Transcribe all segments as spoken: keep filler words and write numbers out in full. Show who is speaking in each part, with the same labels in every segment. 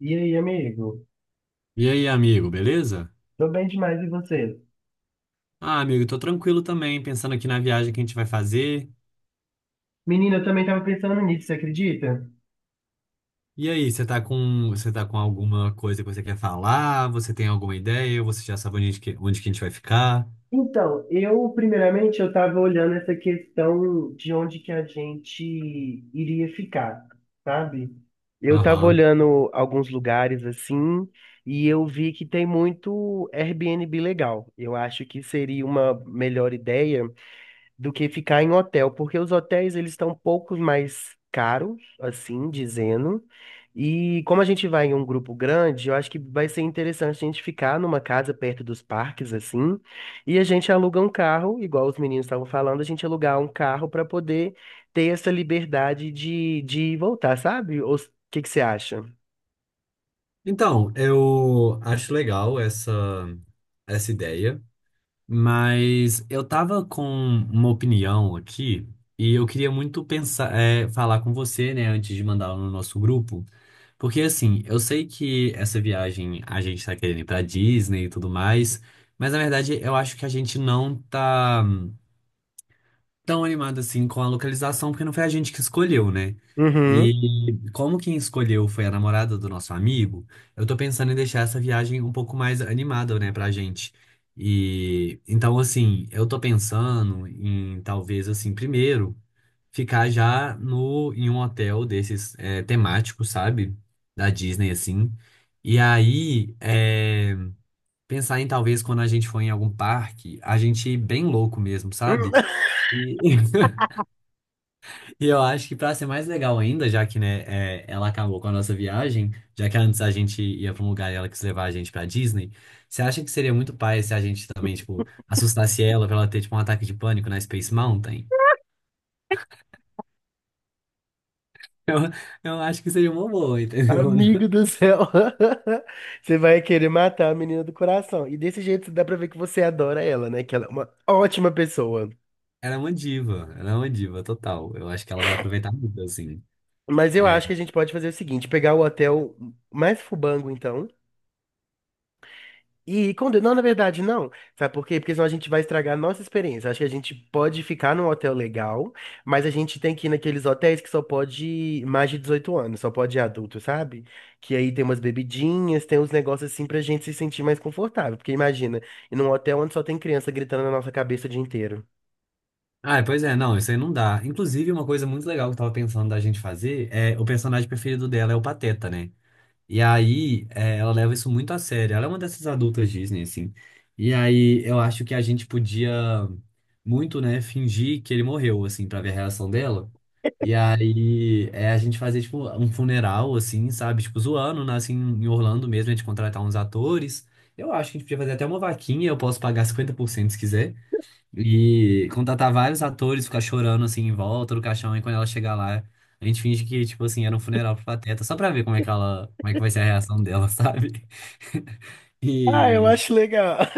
Speaker 1: E aí, amigo?
Speaker 2: E aí, amigo, beleza?
Speaker 1: Tô bem demais, e você?
Speaker 2: Ah, amigo, tô tranquilo também, pensando aqui na viagem que a gente vai fazer.
Speaker 1: Menina, eu também tava pensando nisso, você acredita?
Speaker 2: E aí, você tá com, você tá com alguma coisa que você quer falar? Você tem alguma ideia? Você já sabe onde que, onde que a gente vai ficar?
Speaker 1: Então, eu, primeiramente, eu tava olhando essa questão de onde que a gente iria ficar, sabe? Eu tava
Speaker 2: Aham.
Speaker 1: olhando alguns lugares assim, e eu vi que tem muito Airbnb legal. Eu acho que seria uma melhor ideia do que ficar em hotel, porque os hotéis eles estão um pouco mais caros, assim dizendo. E como a gente vai em um grupo grande, eu acho que vai ser interessante a gente ficar numa casa perto dos parques, assim, e a gente aluga um carro, igual os meninos estavam falando, a gente alugar um carro para poder ter essa liberdade de, de voltar, sabe? O que que você acha?
Speaker 2: Então, eu acho legal essa, essa ideia, mas eu tava com uma opinião aqui e eu queria muito pensar, é, falar com você, né, antes de mandar no nosso grupo. Porque assim, eu sei que essa viagem a gente tá querendo ir pra Disney e tudo mais, mas na verdade eu acho que a gente não tá hum, tão animado assim com a localização, porque não foi a gente que escolheu, né? E
Speaker 1: Uhum.
Speaker 2: como quem escolheu foi a namorada do nosso amigo, eu tô pensando em deixar essa viagem um pouco mais animada, né, pra gente. E então assim, eu tô pensando em talvez assim, primeiro ficar já no em um hotel desses é, temáticos, sabe? Da Disney, assim. E aí, é, pensar em talvez quando a gente for em algum parque, a gente ir bem louco mesmo, sabe? E, e eu acho que pra ser mais legal ainda, já que, né, é, ela acabou com a nossa viagem, já que antes a gente ia pra um lugar e ela quis levar a gente pra Disney, você acha que seria muito pai se a gente também, tipo, assustasse ela pra ela ter, tipo, um ataque de pânico na Space Mountain? Eu, eu acho que seria uma boa, entendeu?
Speaker 1: Amigo do céu, você vai querer matar a menina do coração. E desse jeito dá pra ver que você adora ela, né? Que ela é uma ótima pessoa.
Speaker 2: Ela é uma diva, ela é uma diva total. Eu acho que ela vai aproveitar muito, assim.
Speaker 1: Mas eu
Speaker 2: É.
Speaker 1: acho que a gente pode fazer o seguinte: pegar o hotel mais fubango, então. E quando. Não, na verdade, não. Sabe por quê? Porque senão a gente vai estragar a nossa experiência. Acho que a gente pode ficar num hotel legal, mas a gente tem que ir naqueles hotéis que só pode ir mais de dezoito anos, só pode ir adulto, sabe? Que aí tem umas bebidinhas, tem uns negócios assim pra gente se sentir mais confortável. Porque imagina, ir num hotel onde só tem criança gritando na nossa cabeça o dia inteiro.
Speaker 2: Ah, pois é, não, isso aí não dá. Inclusive, uma coisa muito legal que eu tava pensando da gente fazer é o personagem preferido dela é o Pateta, né? E aí, é, ela leva isso muito a sério. Ela é uma dessas adultas Disney, assim. E aí, eu acho que a gente podia muito, né, fingir que ele morreu, assim, pra ver a reação dela. E aí, é, a gente fazer, tipo, um funeral, assim, sabe? Tipo, zoando, né, assim, em Orlando mesmo, a gente contratar uns atores. Eu acho que a gente podia fazer até uma vaquinha, eu posso pagar cinquenta por cento se quiser. E contratar vários atores, ficar chorando assim em volta do caixão, e quando ela chegar lá, a gente finge que, tipo assim, era um funeral pro Pateta, só pra ver como é que ela, como é que vai ser a reação dela, sabe?
Speaker 1: Ah, eu
Speaker 2: E.
Speaker 1: acho legal.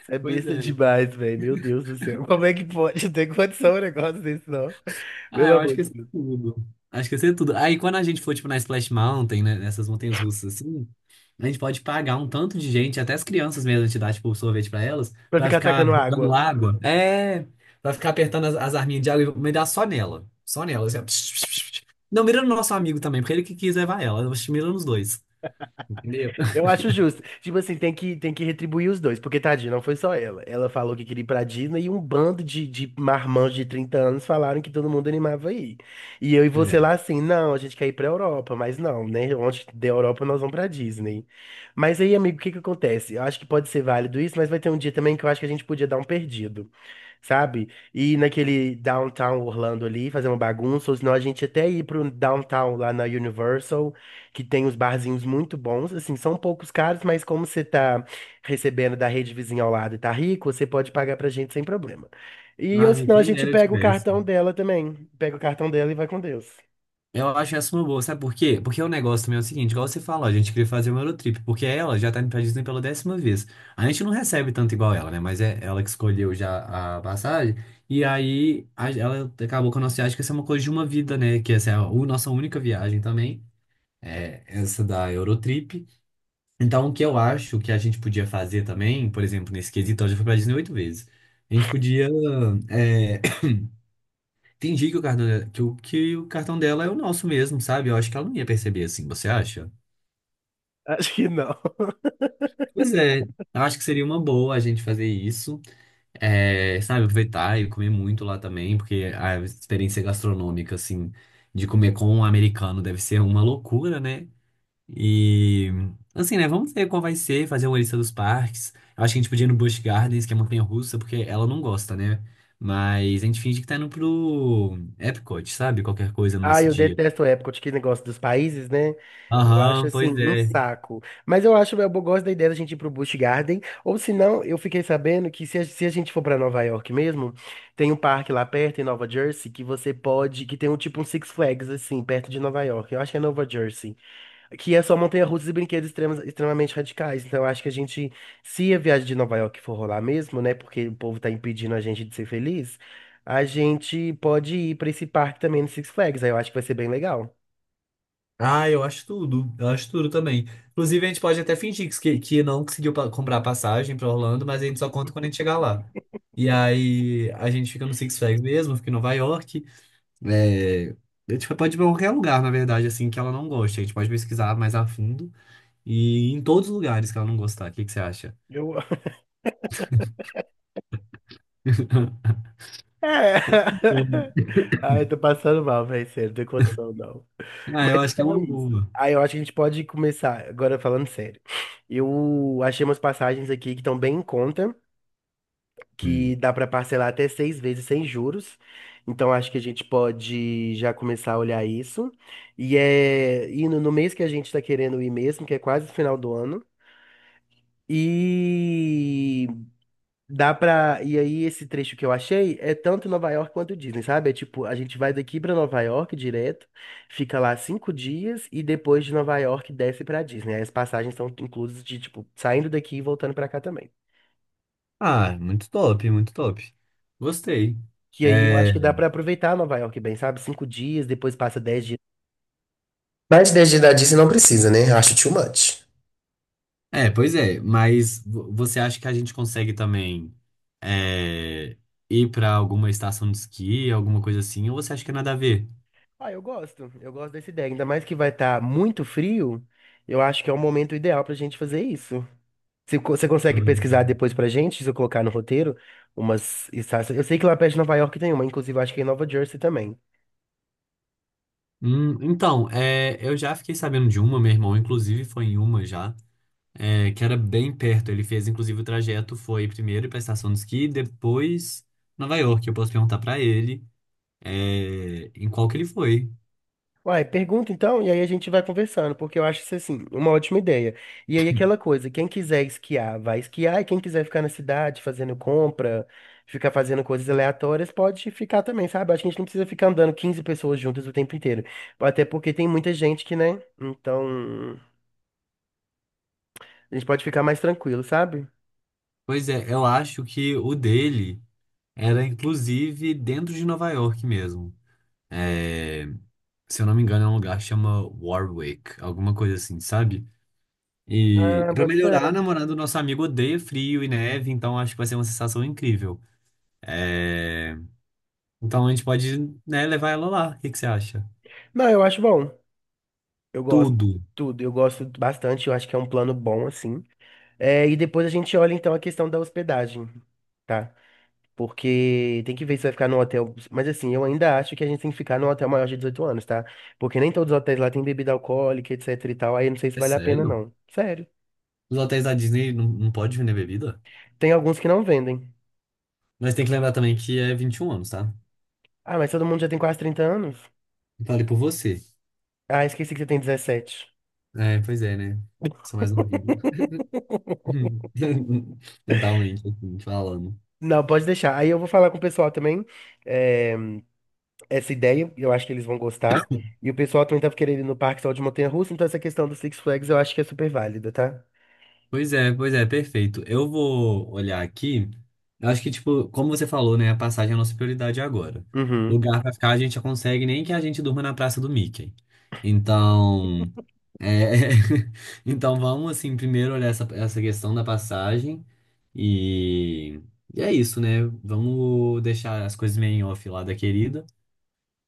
Speaker 1: Isso é
Speaker 2: Pois
Speaker 1: besta
Speaker 2: é.
Speaker 1: demais, velho. Meu Deus do céu. Como é que pode ter condição um negócio desse, não?
Speaker 2: Ah,
Speaker 1: Pelo
Speaker 2: eu acho
Speaker 1: amor
Speaker 2: que ia
Speaker 1: de
Speaker 2: ser
Speaker 1: Deus.
Speaker 2: tudo. Acho que ia ser tudo. Aí quando a gente for, tipo, na Splash Mountain, né, nessas montanhas russas, assim, a gente pode pagar um tanto de gente, até as crianças mesmo, a gente dá, tipo, sorvete pra elas,
Speaker 1: Pra
Speaker 2: pra
Speaker 1: ficar
Speaker 2: ficar
Speaker 1: atacando água.
Speaker 2: jogando água. É, pra ficar apertando as, as arminhas de água e me dar só nela. Só nela, assim, ó. Não, mira no nosso amigo também, porque ele que quis levar ela. Eu acho que mira nos dois, entendeu?
Speaker 1: Eu acho justo. Tipo assim, tem que, tem que retribuir os dois, porque tadinha, não foi só ela. Ela falou que queria ir pra Disney e um bando de, de marmanjos de trinta anos falaram que todo mundo animava a ir. E eu e
Speaker 2: Pois
Speaker 1: você
Speaker 2: é.
Speaker 1: lá assim, não, a gente quer ir pra Europa, mas não, né? Onde der Europa nós vamos pra Disney. Mas aí, amigo, o que que acontece? Eu acho que pode ser válido isso, mas vai ter um dia também que eu acho que a gente podia dar um perdido. Sabe? Ir naquele downtown Orlando ali, fazer uma bagunça, ou senão a gente até ir pro downtown lá na Universal, que tem uns barzinhos muito bons, assim, são poucos caros, mas como você tá recebendo da rede vizinha ao lado e tá rico, você pode pagar pra gente sem problema. E ou
Speaker 2: Ah,
Speaker 1: senão a
Speaker 2: quem
Speaker 1: gente
Speaker 2: dera eu
Speaker 1: pega o
Speaker 2: tivesse.
Speaker 1: cartão dela também, pega o cartão dela e vai com Deus.
Speaker 2: Eu acho essa uma boa, sabe por quê? Porque o negócio também é o seguinte, igual você falou, a gente queria fazer uma Eurotrip, porque ela já tá indo pra Disney pela décima vez. A gente não recebe tanto igual ela, né? Mas é ela que escolheu já a passagem, e aí a- ela acabou com a nossa viagem, que essa é uma coisa de uma vida, né? Que essa é a u- nossa única viagem também, é essa da Eurotrip. Então, o que eu acho que a gente podia fazer também, por exemplo, nesse quesito, ela já foi pra Disney oito vezes. A gente podia é, entendi que o cartão dela, que o, que o cartão dela é o nosso mesmo, sabe? Eu acho que ela não ia perceber assim, você acha?
Speaker 1: Acho que não.
Speaker 2: Pois é, eu acho que seria uma boa a gente fazer isso, é, sabe? Aproveitar e comer muito lá também, porque a experiência gastronômica, assim, de comer com um americano deve ser uma loucura, né? E, assim, né? Vamos ver qual vai ser, fazer uma lista dos parques. Eu acho que a gente podia ir no Busch Gardens, que é montanha-russa, porque ela não gosta, né? Mas a gente finge que tá indo pro Epcot, sabe? Qualquer coisa
Speaker 1: Ah,
Speaker 2: nesse
Speaker 1: eu
Speaker 2: dia.
Speaker 1: detesto o Epcot, que negócio dos países, né? Eu acho
Speaker 2: Aham,
Speaker 1: assim
Speaker 2: pois
Speaker 1: um
Speaker 2: é.
Speaker 1: saco. Mas eu acho, eu gosto da ideia da gente ir pro Busch Garden. Ou se não, eu fiquei sabendo que se a, se a gente for pra Nova York mesmo, tem um parque lá perto em Nova Jersey que você pode, que tem um tipo um Six Flags assim, perto de Nova York. Eu acho que é Nova Jersey, que é só montanha-russas e brinquedos extremos- extremamente radicais. Então eu acho que a gente, se a viagem de Nova York for rolar mesmo, né, porque o povo tá impedindo a gente de ser feliz, a gente pode ir pra esse parque também no Six Flags. Aí eu acho que vai ser bem legal.
Speaker 2: Ah, eu acho tudo. Eu acho tudo também. Inclusive, a gente pode até fingir que, que não conseguiu pa- comprar passagem pra Orlando, mas a gente só conta quando a gente chegar lá. E aí, a gente fica no Six Flags mesmo, fica em Nova York. É, a gente pode ir pra qualquer lugar, na verdade, assim, que ela não goste. A gente pode pesquisar mais a fundo e ir em todos os lugares que ela não gostar. O que que você acha?
Speaker 1: Eu... É.
Speaker 2: Amo.
Speaker 1: Ai, tô passando mal, velho. Sério, não tem condição, não.
Speaker 2: Ah, eu
Speaker 1: Mas
Speaker 2: acho que é
Speaker 1: então é
Speaker 2: uma
Speaker 1: isso.
Speaker 2: boa.
Speaker 1: Aí eu acho que a gente pode começar, agora falando sério. Eu achei umas passagens aqui que estão bem em conta, que
Speaker 2: Hum.
Speaker 1: dá pra parcelar até seis vezes sem juros. Então acho que a gente pode já começar a olhar isso. E é indo no mês que a gente tá querendo ir mesmo, que é quase o final do ano. E dá pra. E aí, esse trecho que eu achei é tanto Nova York quanto Disney, sabe? É tipo, a gente vai daqui pra Nova York direto, fica lá cinco dias e depois de Nova York desce pra Disney. Aí as passagens estão inclusas de, tipo, saindo daqui e voltando pra cá também.
Speaker 2: Ah, muito top, muito top. Gostei.
Speaker 1: Que aí eu
Speaker 2: É,
Speaker 1: acho que dá pra aproveitar Nova York bem, sabe? Cinco dias, depois passa dez dias. Mas desde da Disney não precisa, né? Acho too much.
Speaker 2: é, pois é, mas vo- você acha que a gente consegue também é, ir pra alguma estação de esqui, alguma coisa assim, ou você acha que é nada a ver?
Speaker 1: Ah, eu gosto. Eu gosto dessa ideia. Ainda mais que vai estar muito frio, eu acho que é o momento ideal pra gente fazer isso. Você co- você consegue pesquisar
Speaker 2: Hum.
Speaker 1: depois pra gente, se eu colocar no roteiro, umas estácias. Eu sei que lá perto de Nova York tem uma, inclusive acho que é em Nova Jersey também.
Speaker 2: Hum, então, é, eu já fiquei sabendo de uma, meu irmão, inclusive foi em uma já, é, que era bem perto. Ele fez, inclusive, o trajeto foi primeiro pra estação de esqui, depois Nova York. Eu posso perguntar pra ele é, em qual que ele foi.
Speaker 1: Uai, pergunta então, e aí a gente vai conversando, porque eu acho isso assim, uma ótima ideia. E aí aquela coisa, quem quiser esquiar, vai esquiar, e quem quiser ficar na cidade fazendo compra, ficar fazendo coisas aleatórias, pode ficar também, sabe? Acho que a gente não precisa ficar andando quinze pessoas juntas o tempo inteiro. Até porque tem muita gente que, né? Então, a gente pode ficar mais tranquilo, sabe?
Speaker 2: Pois é, eu acho que o dele era, inclusive, dentro de Nova York mesmo. É, se eu não me engano, é um lugar que chama Warwick, alguma coisa assim, sabe? E
Speaker 1: Ah,
Speaker 2: pra
Speaker 1: bota fé.
Speaker 2: melhorar, a namorada do nosso amigo odeia frio e neve, então acho que vai ser uma sensação incrível. É, então a gente pode, né, levar ela lá. O que que você acha?
Speaker 1: Não, eu acho bom. Eu gosto de
Speaker 2: Tudo.
Speaker 1: tudo, eu gosto bastante, eu acho que é um plano bom, assim. É, e depois a gente olha então a questão da hospedagem, tá? Porque tem que ver se vai ficar no hotel. Mas assim, eu ainda acho que a gente tem que ficar no hotel maior de dezoito anos, tá? Porque nem todos os hotéis lá têm bebida alcoólica, etc e tal. Aí eu não sei se
Speaker 2: É
Speaker 1: vale a pena,
Speaker 2: sério?
Speaker 1: não. Sério.
Speaker 2: Os hotéis da Disney não, não pode vender bebida?
Speaker 1: Tem alguns que não vendem.
Speaker 2: Mas tem que lembrar também que é vinte e um anos, tá?
Speaker 1: Ah, mas todo mundo já tem quase trinta anos?
Speaker 2: Falei por você.
Speaker 1: Ah, esqueci que você tem dezessete.
Speaker 2: É, pois é, né? Sou mais novinho. Mentalmente, assim, falando.
Speaker 1: Não, pode deixar. Aí eu vou falar com o pessoal também. É, essa ideia, e eu acho que eles vão gostar. E o pessoal também tava querendo ir no parque só de montanha-russa, então essa questão do Six Flags eu acho que é super válida, tá?
Speaker 2: Pois é, pois é, perfeito. Eu vou olhar aqui. Eu acho que, tipo, como você falou, né? A passagem é a nossa prioridade agora.
Speaker 1: Uhum.
Speaker 2: Lugar pra ficar a gente já consegue, nem que a gente durma na Praça do Mickey. Então, é... então vamos, assim, primeiro olhar essa, essa questão da passagem. E... e é isso, né? Vamos deixar as coisas meio em off lá da querida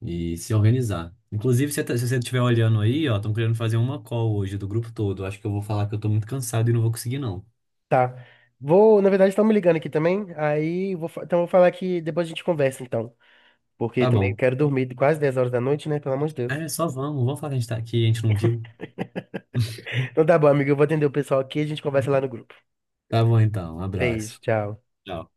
Speaker 2: e se organizar. Inclusive, se você tá, se você estiver olhando aí, ó, estão querendo fazer uma call hoje do grupo todo. Eu acho que eu vou falar que eu tô muito cansado e não vou conseguir, não.
Speaker 1: Tá. Vou, na verdade, estão me ligando aqui também. Aí, vou, fa- então vou falar que depois a gente conversa, então. Porque
Speaker 2: Tá
Speaker 1: também
Speaker 2: bom.
Speaker 1: quero dormir quase dez horas da noite, né? Pelo amor de Deus.
Speaker 2: É, só vamos. Vamos falar que a gente tá aqui, a gente não viu.
Speaker 1: Então tá bom, amigo. Eu vou atender o pessoal aqui e a gente conversa lá no grupo.
Speaker 2: Tá bom então. Um
Speaker 1: Beijo,
Speaker 2: abraço.
Speaker 1: tchau.
Speaker 2: Tchau.